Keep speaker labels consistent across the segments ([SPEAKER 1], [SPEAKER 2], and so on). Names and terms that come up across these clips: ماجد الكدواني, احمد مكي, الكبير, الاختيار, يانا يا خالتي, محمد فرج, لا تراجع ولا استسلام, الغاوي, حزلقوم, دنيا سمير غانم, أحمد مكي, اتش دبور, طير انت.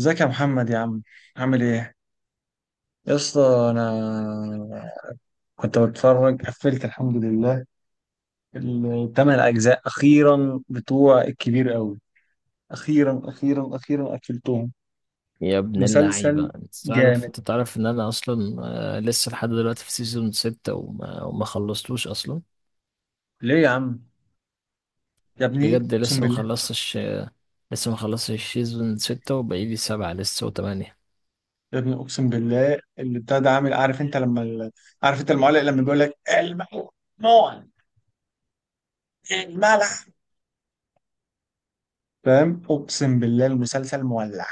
[SPEAKER 1] ازيك يا محمد يا عم؟ عامل ايه يا اسطى؟ انا كنت بتفرج، قفلت الحمد لله الـ8 اجزاء اخيرا بتوع الكبير قوي. اخيرا اخيرا اخيرا قفلتهم.
[SPEAKER 2] يا ابن اللعيبة،
[SPEAKER 1] مسلسل
[SPEAKER 2] انت تعرف
[SPEAKER 1] جامد.
[SPEAKER 2] انت تعرف ان انا اصلا لسه لحد دلوقتي في سيزون ستة وما خلصتوش اصلا.
[SPEAKER 1] ليه يا عم؟ يا ابني
[SPEAKER 2] بجد
[SPEAKER 1] اقسم
[SPEAKER 2] لسه ما
[SPEAKER 1] بالله.
[SPEAKER 2] خلصتش. لسه ما خلصتش سيزون ستة، وبقيلي سبعة لسه وثمانية.
[SPEAKER 1] يا ابني اقسم بالله اللي بتاع ده عامل. عارف انت لما عارف انت المعلق لما بيقول لك الممنوع، الملح. فاهم؟ اقسم بالله المسلسل مولع.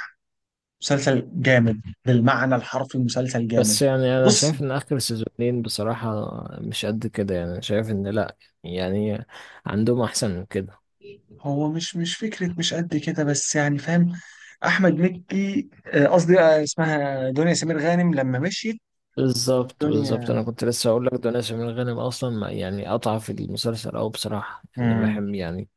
[SPEAKER 1] مسلسل جامد بالمعنى الحرفي. مسلسل جامد.
[SPEAKER 2] بس يعني انا
[SPEAKER 1] بص.
[SPEAKER 2] شايف ان اخر سيزونين بصراحة مش قد كده. يعني أنا شايف ان لا، يعني عندهم احسن من كده.
[SPEAKER 1] هو مش فكرة مش قد كده بس يعني فاهم. أحمد مكي، قصدي اسمها دنيا سمير غانم لما مشيت
[SPEAKER 2] بالظبط، بالظبط،
[SPEAKER 1] الدنيا.
[SPEAKER 2] انا كنت لسه اقول لك ده. ناس من الغنم اصلا يعني اضعف المسلسل، او بصراحة يعني
[SPEAKER 1] مم.
[SPEAKER 2] بحب يعني.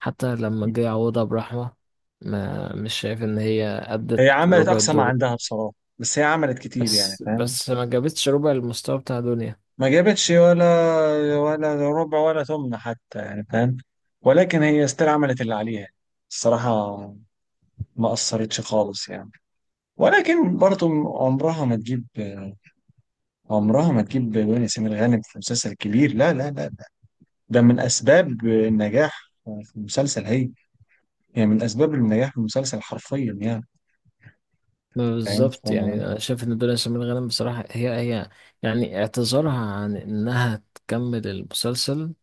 [SPEAKER 2] حتى لما جه يعوضها برحمة، ما مش شايف ان هي ادت
[SPEAKER 1] هي عملت
[SPEAKER 2] ربع
[SPEAKER 1] أقصى ما
[SPEAKER 2] الدور.
[SPEAKER 1] عندها بصراحة. بس هي عملت كتير يعني
[SPEAKER 2] بس
[SPEAKER 1] فاهم.
[SPEAKER 2] بس ما جابتش ربع المستوى بتاع دنيا.
[SPEAKER 1] ما جابتش ولا ربع ولا ثمن حتى يعني فاهم. ولكن هي استر عملت اللي عليها يعني. الصراحة ما أثرتش خالص يعني. ولكن برضه عمرها ما تجيب. عمرها ما تجيب دنيا سمير غانم في مسلسل كبير، لا لا لا. ده من اسباب النجاح في المسلسل هي. يعني من اسباب النجاح في المسلسل حرفيا يعني.
[SPEAKER 2] ما
[SPEAKER 1] فاهم
[SPEAKER 2] بالظبط، يعني انا شايف ان دنيا سمير غانم بصراحة هي هي يعني اعتذارها عن انها تكمل المسلسل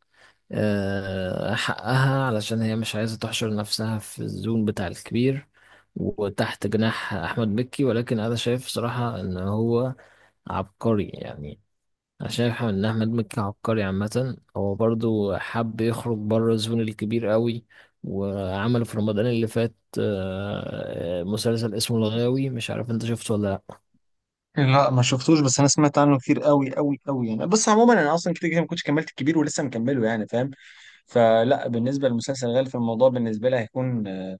[SPEAKER 2] حقها، علشان هي مش عايزة تحشر نفسها في الزون بتاع الكبير وتحت جناح احمد مكي. ولكن انا شايف صراحة ان هو عبقري يعني. انا شايف ان احمد مكي عبقري عامه. هو برضو حب يخرج بره الزون الكبير قوي، وعمل في رمضان اللي فات مسلسل اسمه الغاوي. مش عارف انت شفته ولا لا؟
[SPEAKER 1] لا، ما شفتوش بس انا سمعت عنه كتير قوي قوي قوي يعني. بس عموما انا اصلا كده كده ما كنتش كملت الكبير ولسه مكمله يعني فاهم. فلا بالنسبه لمسلسل غالي في الموضوع بالنسبه لي هيكون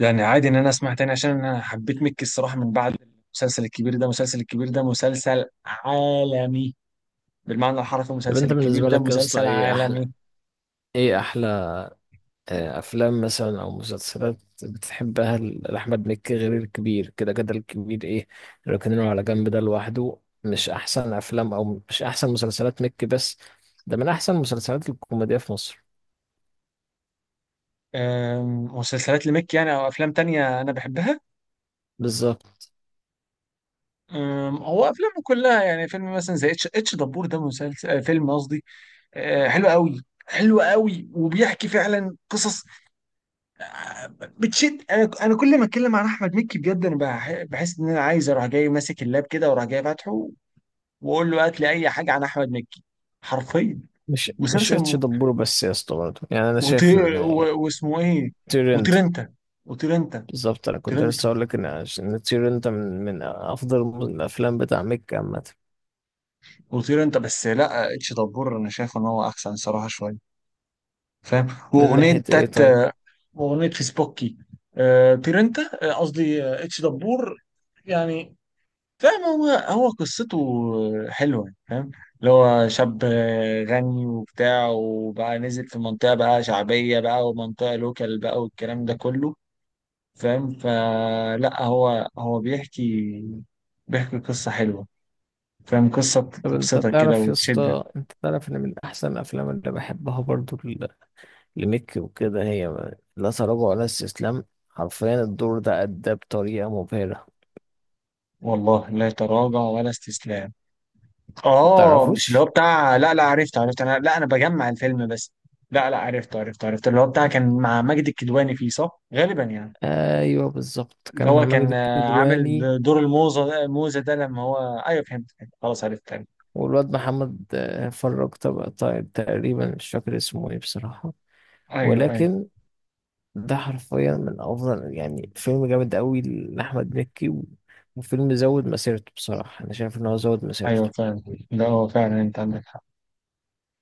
[SPEAKER 1] يعني عادي ان انا اسمع تاني عشان انا حبيت مكي الصراحه من بعد المسلسل الكبير. ده مسلسل الكبير ده مسلسل عالمي بالمعنى الحرفي.
[SPEAKER 2] طب
[SPEAKER 1] المسلسل
[SPEAKER 2] انت
[SPEAKER 1] الكبير
[SPEAKER 2] بالنسبه
[SPEAKER 1] ده
[SPEAKER 2] لك يا اسطى،
[SPEAKER 1] مسلسل
[SPEAKER 2] ايه احلى،
[SPEAKER 1] عالمي.
[SPEAKER 2] ايه احلى افلام مثلا او مسلسلات بتحبها لاحمد مكي غير الكبير؟ كده كده الكبير ايه، ركنينه على جنب ده لوحده. مش احسن افلام او مش احسن مسلسلات مكي بس، ده من احسن المسلسلات الكوميديه في مصر.
[SPEAKER 1] مسلسلات لمكي يعني او افلام تانية انا بحبها.
[SPEAKER 2] بالظبط.
[SPEAKER 1] هو افلامه كلها يعني. فيلم مثلا زي اتش دبور ده مسلسل فيلم قصدي، حلو قوي. حلو قوي وبيحكي فعلا قصص بتشد. انا كل ما اتكلم عن احمد مكي بجد انا بحس ان انا عايز اروح جاي ماسك اللاب كده واروح جاي فاتحه واقول له هات لي اي حاجه عن احمد مكي حرفيا.
[SPEAKER 2] مش
[SPEAKER 1] مسلسل
[SPEAKER 2] اتش
[SPEAKER 1] م...
[SPEAKER 2] دبور بس يا اسطى برضه، يعني انا شايف ان
[SPEAKER 1] واسمه ايه؟
[SPEAKER 2] طير انت،
[SPEAKER 1] وطير انت، وطير انت،
[SPEAKER 2] بالظبط. انا
[SPEAKER 1] وطير
[SPEAKER 2] كنت
[SPEAKER 1] انت،
[SPEAKER 2] لسه اقول لك ان طير انت من افضل الافلام بتاع ميك عامه.
[SPEAKER 1] وطير انت بس. لا، اتش دبور انا شايف ان هو احسن صراحه شويه فاهم.
[SPEAKER 2] من
[SPEAKER 1] واغنيه.
[SPEAKER 2] ناحيه ايه طيب؟
[SPEAKER 1] واغنيه فيسبوكي، آه بيرنتا، قصدي، اتش دبور يعني. فاهم؟ هو قصته حلوه فاهم. اللي هو شاب غني وبتاع، وبقى نزل في منطقه بقى شعبيه بقى ومنطقه لوكال بقى والكلام ده كله فاهم. فلا هو بيحكي. بيحكي قصه حلوه فاهم. قصه
[SPEAKER 2] طب انت
[SPEAKER 1] تبسطك كده
[SPEAKER 2] تعرف يا
[SPEAKER 1] وتشدك.
[SPEAKER 2] اسطى، انت تعرف ان من احسن الافلام اللي بحبها برضه لميك وكده، هي لا تراجع ولا استسلام. حرفيا الدور ده اداه بطريقه مبهره.
[SPEAKER 1] والله لا تراجع ولا استسلام.
[SPEAKER 2] ما
[SPEAKER 1] اه، مش اللي هو
[SPEAKER 2] تعرفوش؟
[SPEAKER 1] بتاع، لا. لا، عرفت عرفت. انا لا، انا بجمع الفيلم بس. لا لا، عرفت عرفت عرفت. اللي هو بتاع كان مع ماجد الكدواني فيه، صح غالبا يعني.
[SPEAKER 2] ايوه بالظبط،
[SPEAKER 1] اللي
[SPEAKER 2] كان مع
[SPEAKER 1] هو
[SPEAKER 2] ماجد
[SPEAKER 1] كان عامل
[SPEAKER 2] الكدواني.
[SPEAKER 1] دور الموزة الموزة ده لما هو. ايوه فهمت فهمت. خلاص عرفت عرفت.
[SPEAKER 2] والواد محمد فرج، طب طيب، تقريبا مش فاكر اسمه ايه بصراحة.
[SPEAKER 1] ايوه ايوه.
[SPEAKER 2] ولكن ده حرفيا من افضل، يعني فيلم جامد قوي لأحمد مكي وفيلم زود مسيرته بصراحة. انا شايف ان هو زود
[SPEAKER 1] ايوه
[SPEAKER 2] مسيرته.
[SPEAKER 1] فعلا. لا، هو فعلا انت عندك حق.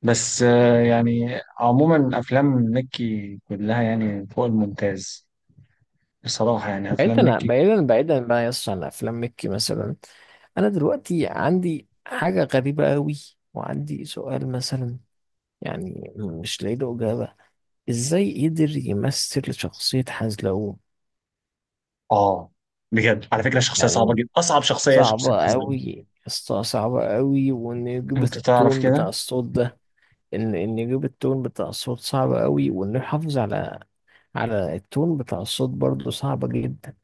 [SPEAKER 1] بس يعني عموما افلام مكي كلها يعني فوق الممتاز. بصراحة يعني افلام
[SPEAKER 2] بعيدا
[SPEAKER 1] مكي.
[SPEAKER 2] بعيدا بعيدا بقى يس عن افلام مكي مثلا، انا دلوقتي عندي حاجة غريبة قوي، وعندي سؤال مثلا يعني مش لاقي له إجابة: ازاي قدر يمثل شخصية حزلقوم؟
[SPEAKER 1] اه بجد على فكرة شخصية صعبة
[SPEAKER 2] يعني
[SPEAKER 1] جدا. اصعب شخصية هي شخصية
[SPEAKER 2] صعبة
[SPEAKER 1] حزلقوم.
[SPEAKER 2] أوي اسطى، صعبة أوي. وإنه يجيب
[SPEAKER 1] انت تعرف
[SPEAKER 2] التون بتاع
[SPEAKER 1] كده.
[SPEAKER 2] الصوت ده، إن يجيب التون بتاع الصوت صعب أوي، وإنه يحافظ على التون بتاع الصوت برضه صعبة جدا.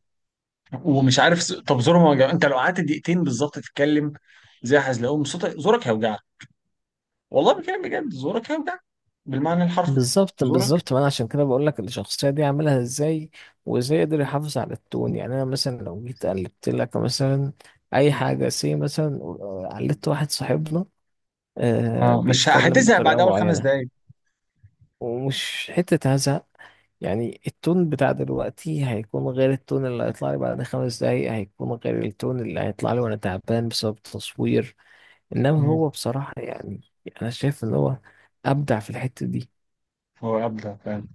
[SPEAKER 1] ومش عارف طب زوره ما وجع؟ انت لو قعدت دقيقتين بالظبط تتكلم زي حزلقوم صوتك زورك هيوجعك. والله بكلم بجد زورك هيوجعك بالمعنى الحرفي.
[SPEAKER 2] بالظبط
[SPEAKER 1] زورك
[SPEAKER 2] بالظبط. ما أنا عشان كده بقول لك الشخصية دي عاملها إزاي، وإزاي يقدر يحافظ على التون. يعني أنا مثلا لو جيت قلبت لك مثلا أي حاجة سي مثلا، قلدت واحد صاحبنا
[SPEAKER 1] اه، مش ه-
[SPEAKER 2] بيتكلم
[SPEAKER 1] هتزهق بعد
[SPEAKER 2] بطريقة
[SPEAKER 1] اول خمس
[SPEAKER 2] معينة،
[SPEAKER 1] دقايق
[SPEAKER 2] ومش حتة هزق، يعني التون بتاع دلوقتي هيكون غير التون اللي هيطلع لي بعد 5 دقايق، هيكون غير التون اللي هيطلع لي وانا تعبان بسبب التصوير. انما
[SPEAKER 1] مم.
[SPEAKER 2] هو بصراحة يعني، انا شايف ان هو ابدع في الحتة دي.
[SPEAKER 1] هو ابدع فعلا.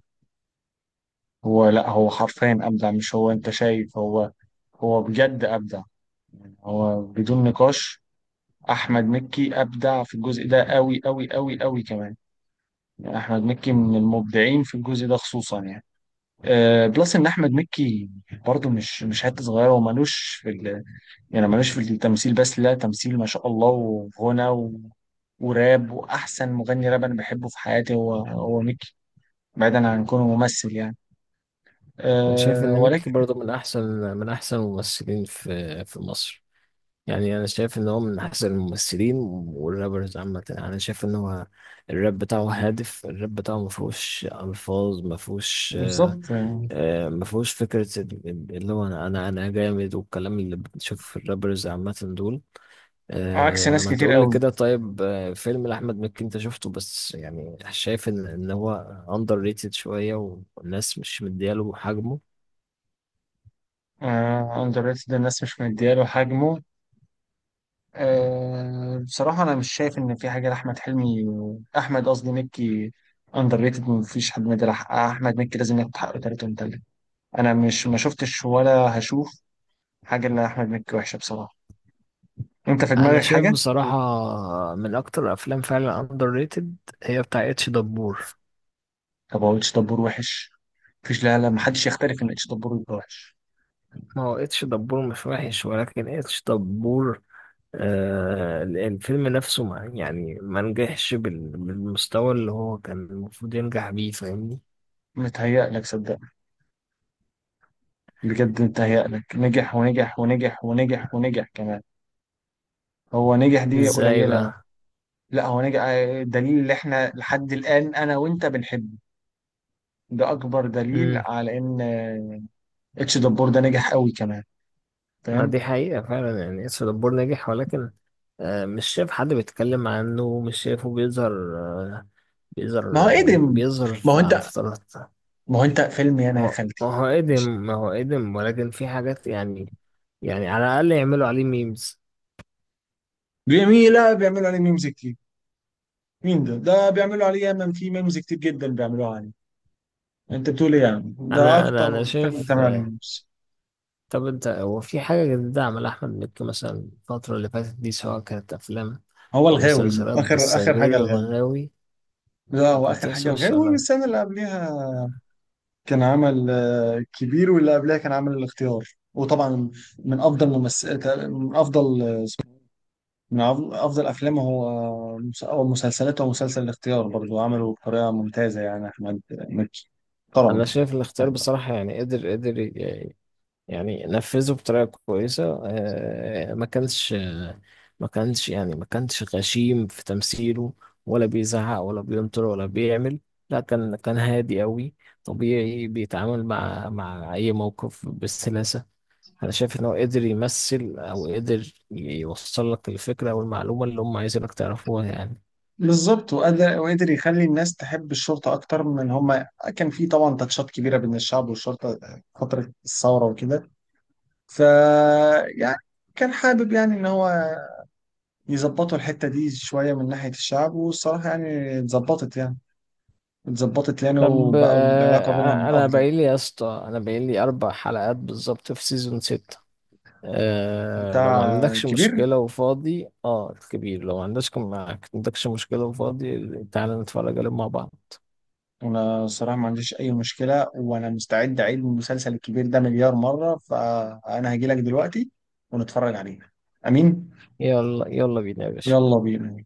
[SPEAKER 1] هو لا، هو حرفيا ابدع. مش هو انت شايف هو بجد ابدع. يعني هو بدون نقاش، احمد مكي ابدع في الجزء ده قوي قوي قوي قوي كمان. يعني احمد مكي من المبدعين في الجزء ده خصوصا يعني بلس ان احمد مكي برضه مش حته صغيره ومالوش في يعني مالوش في التمثيل بس. لا تمثيل ما شاء الله، وغنى وراب. واحسن مغني راب انا بحبه في حياتي هو ميكي بعيدا عن كونه ممثل يعني.
[SPEAKER 2] انا شايف
[SPEAKER 1] أه
[SPEAKER 2] ان ميكي
[SPEAKER 1] ولكن
[SPEAKER 2] برضه من احسن، من احسن الممثلين في مصر. يعني انا شايف ان هو من احسن الممثلين والرابرز عامة. انا شايف ان هو الراب بتاعه هادف، الراب بتاعه ما فيهوش الفاظ، ما فيهوش
[SPEAKER 1] بالظبط يعني.
[SPEAKER 2] ما فيهوش فكرة اللي هو أنا أنا أنا جامد، والكلام اللي بتشوفه في الرابرز عامة دول.
[SPEAKER 1] عكس
[SPEAKER 2] أه،
[SPEAKER 1] ناس
[SPEAKER 2] ما
[SPEAKER 1] كتير
[SPEAKER 2] تقول لي
[SPEAKER 1] قوي.
[SPEAKER 2] كده، طيب فيلم لأحمد مكي أنت شفته، بس يعني شايف إن هو أندر ريتد شوية، والناس مش مدياله حجمه؟
[SPEAKER 1] أه اندر ريتد، الناس مش مدياله حجمه. أه بصراحه انا مش شايف ان في حاجه لاحمد حلمي، احمد قصدي مكي، اندر ريتد. مفيش حد مدى احمد مكي. لازم ياخد حقه تلاته ومتلت. انا مش، ما شفتش ولا هشوف حاجه اللي احمد مكي وحشه بصراحه. انت في
[SPEAKER 2] أنا
[SPEAKER 1] دماغك
[SPEAKER 2] شايف
[SPEAKER 1] حاجه؟
[SPEAKER 2] بصراحة من أكتر الأفلام فعلا أندر ريتد هي بتاع اتش دبور.
[SPEAKER 1] طب هو اتش دبور وحش؟ مفيش، لا لا، محدش يختلف ان اتش دبور يبقى وحش.
[SPEAKER 2] ما هو اتش دبور مش وحش، ولكن اتش دبور الفيلم نفسه ما يعني ما نجحش بالمستوى اللي هو كان المفروض ينجح بيه. فاهمني؟
[SPEAKER 1] متهيألك صدقني. بجد متهيألك. نجح ونجح ونجح ونجح ونجح كمان. هو نجح دي
[SPEAKER 2] ازاي
[SPEAKER 1] قليلة.
[SPEAKER 2] بقى؟
[SPEAKER 1] لا هو نجح دليل اللي احنا لحد الآن أنا وأنت بنحبه. ده أكبر دليل
[SPEAKER 2] امم
[SPEAKER 1] على إن اتش دبور ده نجح قوي كمان
[SPEAKER 2] ما دي
[SPEAKER 1] فاهم.
[SPEAKER 2] حقيقة فعلا. يعني اسف دبور نجح، ولكن مش شايف حد بيتكلم عنه، مش شايفه بيظهر، آه،
[SPEAKER 1] ما
[SPEAKER 2] بيظهر،
[SPEAKER 1] هو
[SPEAKER 2] يعني
[SPEAKER 1] قدم.
[SPEAKER 2] بيظهر
[SPEAKER 1] ما هو
[SPEAKER 2] على
[SPEAKER 1] أنت
[SPEAKER 2] فترات.
[SPEAKER 1] ما هو أنت فيلم يانا يا
[SPEAKER 2] ما
[SPEAKER 1] خالتي
[SPEAKER 2] هو قدم، ما هو قدم، ولكن في حاجات يعني، يعني على الأقل يعملوا عليه ميمز.
[SPEAKER 1] جميلة. بيعملوا عليه ميمز كتير. مين ده؟ ده بيعملوا عليه ياما، في ميمز كتير جدا بيعملوها عليه. انت بتقول ايه يعني؟ ده
[SPEAKER 2] أنا
[SPEAKER 1] اكتر فيلم
[SPEAKER 2] شايف.
[SPEAKER 1] اتعمل عليه ميمز.
[SPEAKER 2] طب انت، هو في حاجة جديدة عملها أحمد مكي مثلا الفترة اللي فاتت دي، سواء كانت أفلام
[SPEAKER 1] هو
[SPEAKER 2] أو
[SPEAKER 1] الغاوي
[SPEAKER 2] مسلسلات
[SPEAKER 1] اخر
[SPEAKER 2] بس
[SPEAKER 1] اخر
[SPEAKER 2] غير
[SPEAKER 1] حاجه الغاوي.
[SPEAKER 2] الغاوي؟
[SPEAKER 1] لا
[SPEAKER 2] أنا
[SPEAKER 1] هو اخر
[SPEAKER 2] كنت
[SPEAKER 1] حاجه
[SPEAKER 2] لسه
[SPEAKER 1] الغاوي،
[SPEAKER 2] بسألك.
[SPEAKER 1] والسنه اللي قبلها كان عمل كبير، واللي قبلها كان عمل الاختيار. وطبعا من افضل من افضل من افضل افلامه هو او مسلسلاته هو مسلسل الاختيار برضه عمله بطريقه ممتازه يعني احمد مكي
[SPEAKER 2] أنا
[SPEAKER 1] طبعا.
[SPEAKER 2] شايف الاختيار بصراحة يعني قدر، يعني نفذه بطريقة كويسة. ما كانش، ما كانش يعني ما كانش غشيم في تمثيله، ولا بيزعق ولا بيمطر ولا بيعمل. لا، كان هادي قوي، طبيعي، بيتعامل مع أي موقف بسلاسة. انا شايف ان هو قدر يمثل او قدر يوصل لك الفكره او المعلومه اللي هم عايزينك تعرفوها يعني.
[SPEAKER 1] بالظبط. وقدر وقدر يخلي الناس تحب الشرطة أكتر من هما. كان في طبعا تاتشات كبيرة بين الشعب والشرطة فترة الثورة وكده. ف يعني كان حابب يعني إن هو يظبطوا الحتة دي شوية من ناحية الشعب، والصراحة يعني اتظبطت يعني. اتظبطت يعني
[SPEAKER 2] طب
[SPEAKER 1] وبقوا العلاقة بينهم
[SPEAKER 2] انا
[SPEAKER 1] أفضل.
[SPEAKER 2] باقي لي يا اسطى، انا باقي لي 4 حلقات بالظبط في سيزون ستة. أه لو ما
[SPEAKER 1] بتاع
[SPEAKER 2] عندكش
[SPEAKER 1] كبير.
[SPEAKER 2] مشكله وفاضي، اه الكبير، لو ما عندكش مشكله وفاضي، تعالى نتفرج عليهم مع بعض.
[SPEAKER 1] أنا الصراحة ما عنديش أي مشكلة وأنا مستعد أعيد المسلسل الكبير ده مليار مرة، فأنا هجيلك دلوقتي ونتفرج عليه. أمين.
[SPEAKER 2] يلا يلا بينا يا باشا.
[SPEAKER 1] يلا بينا.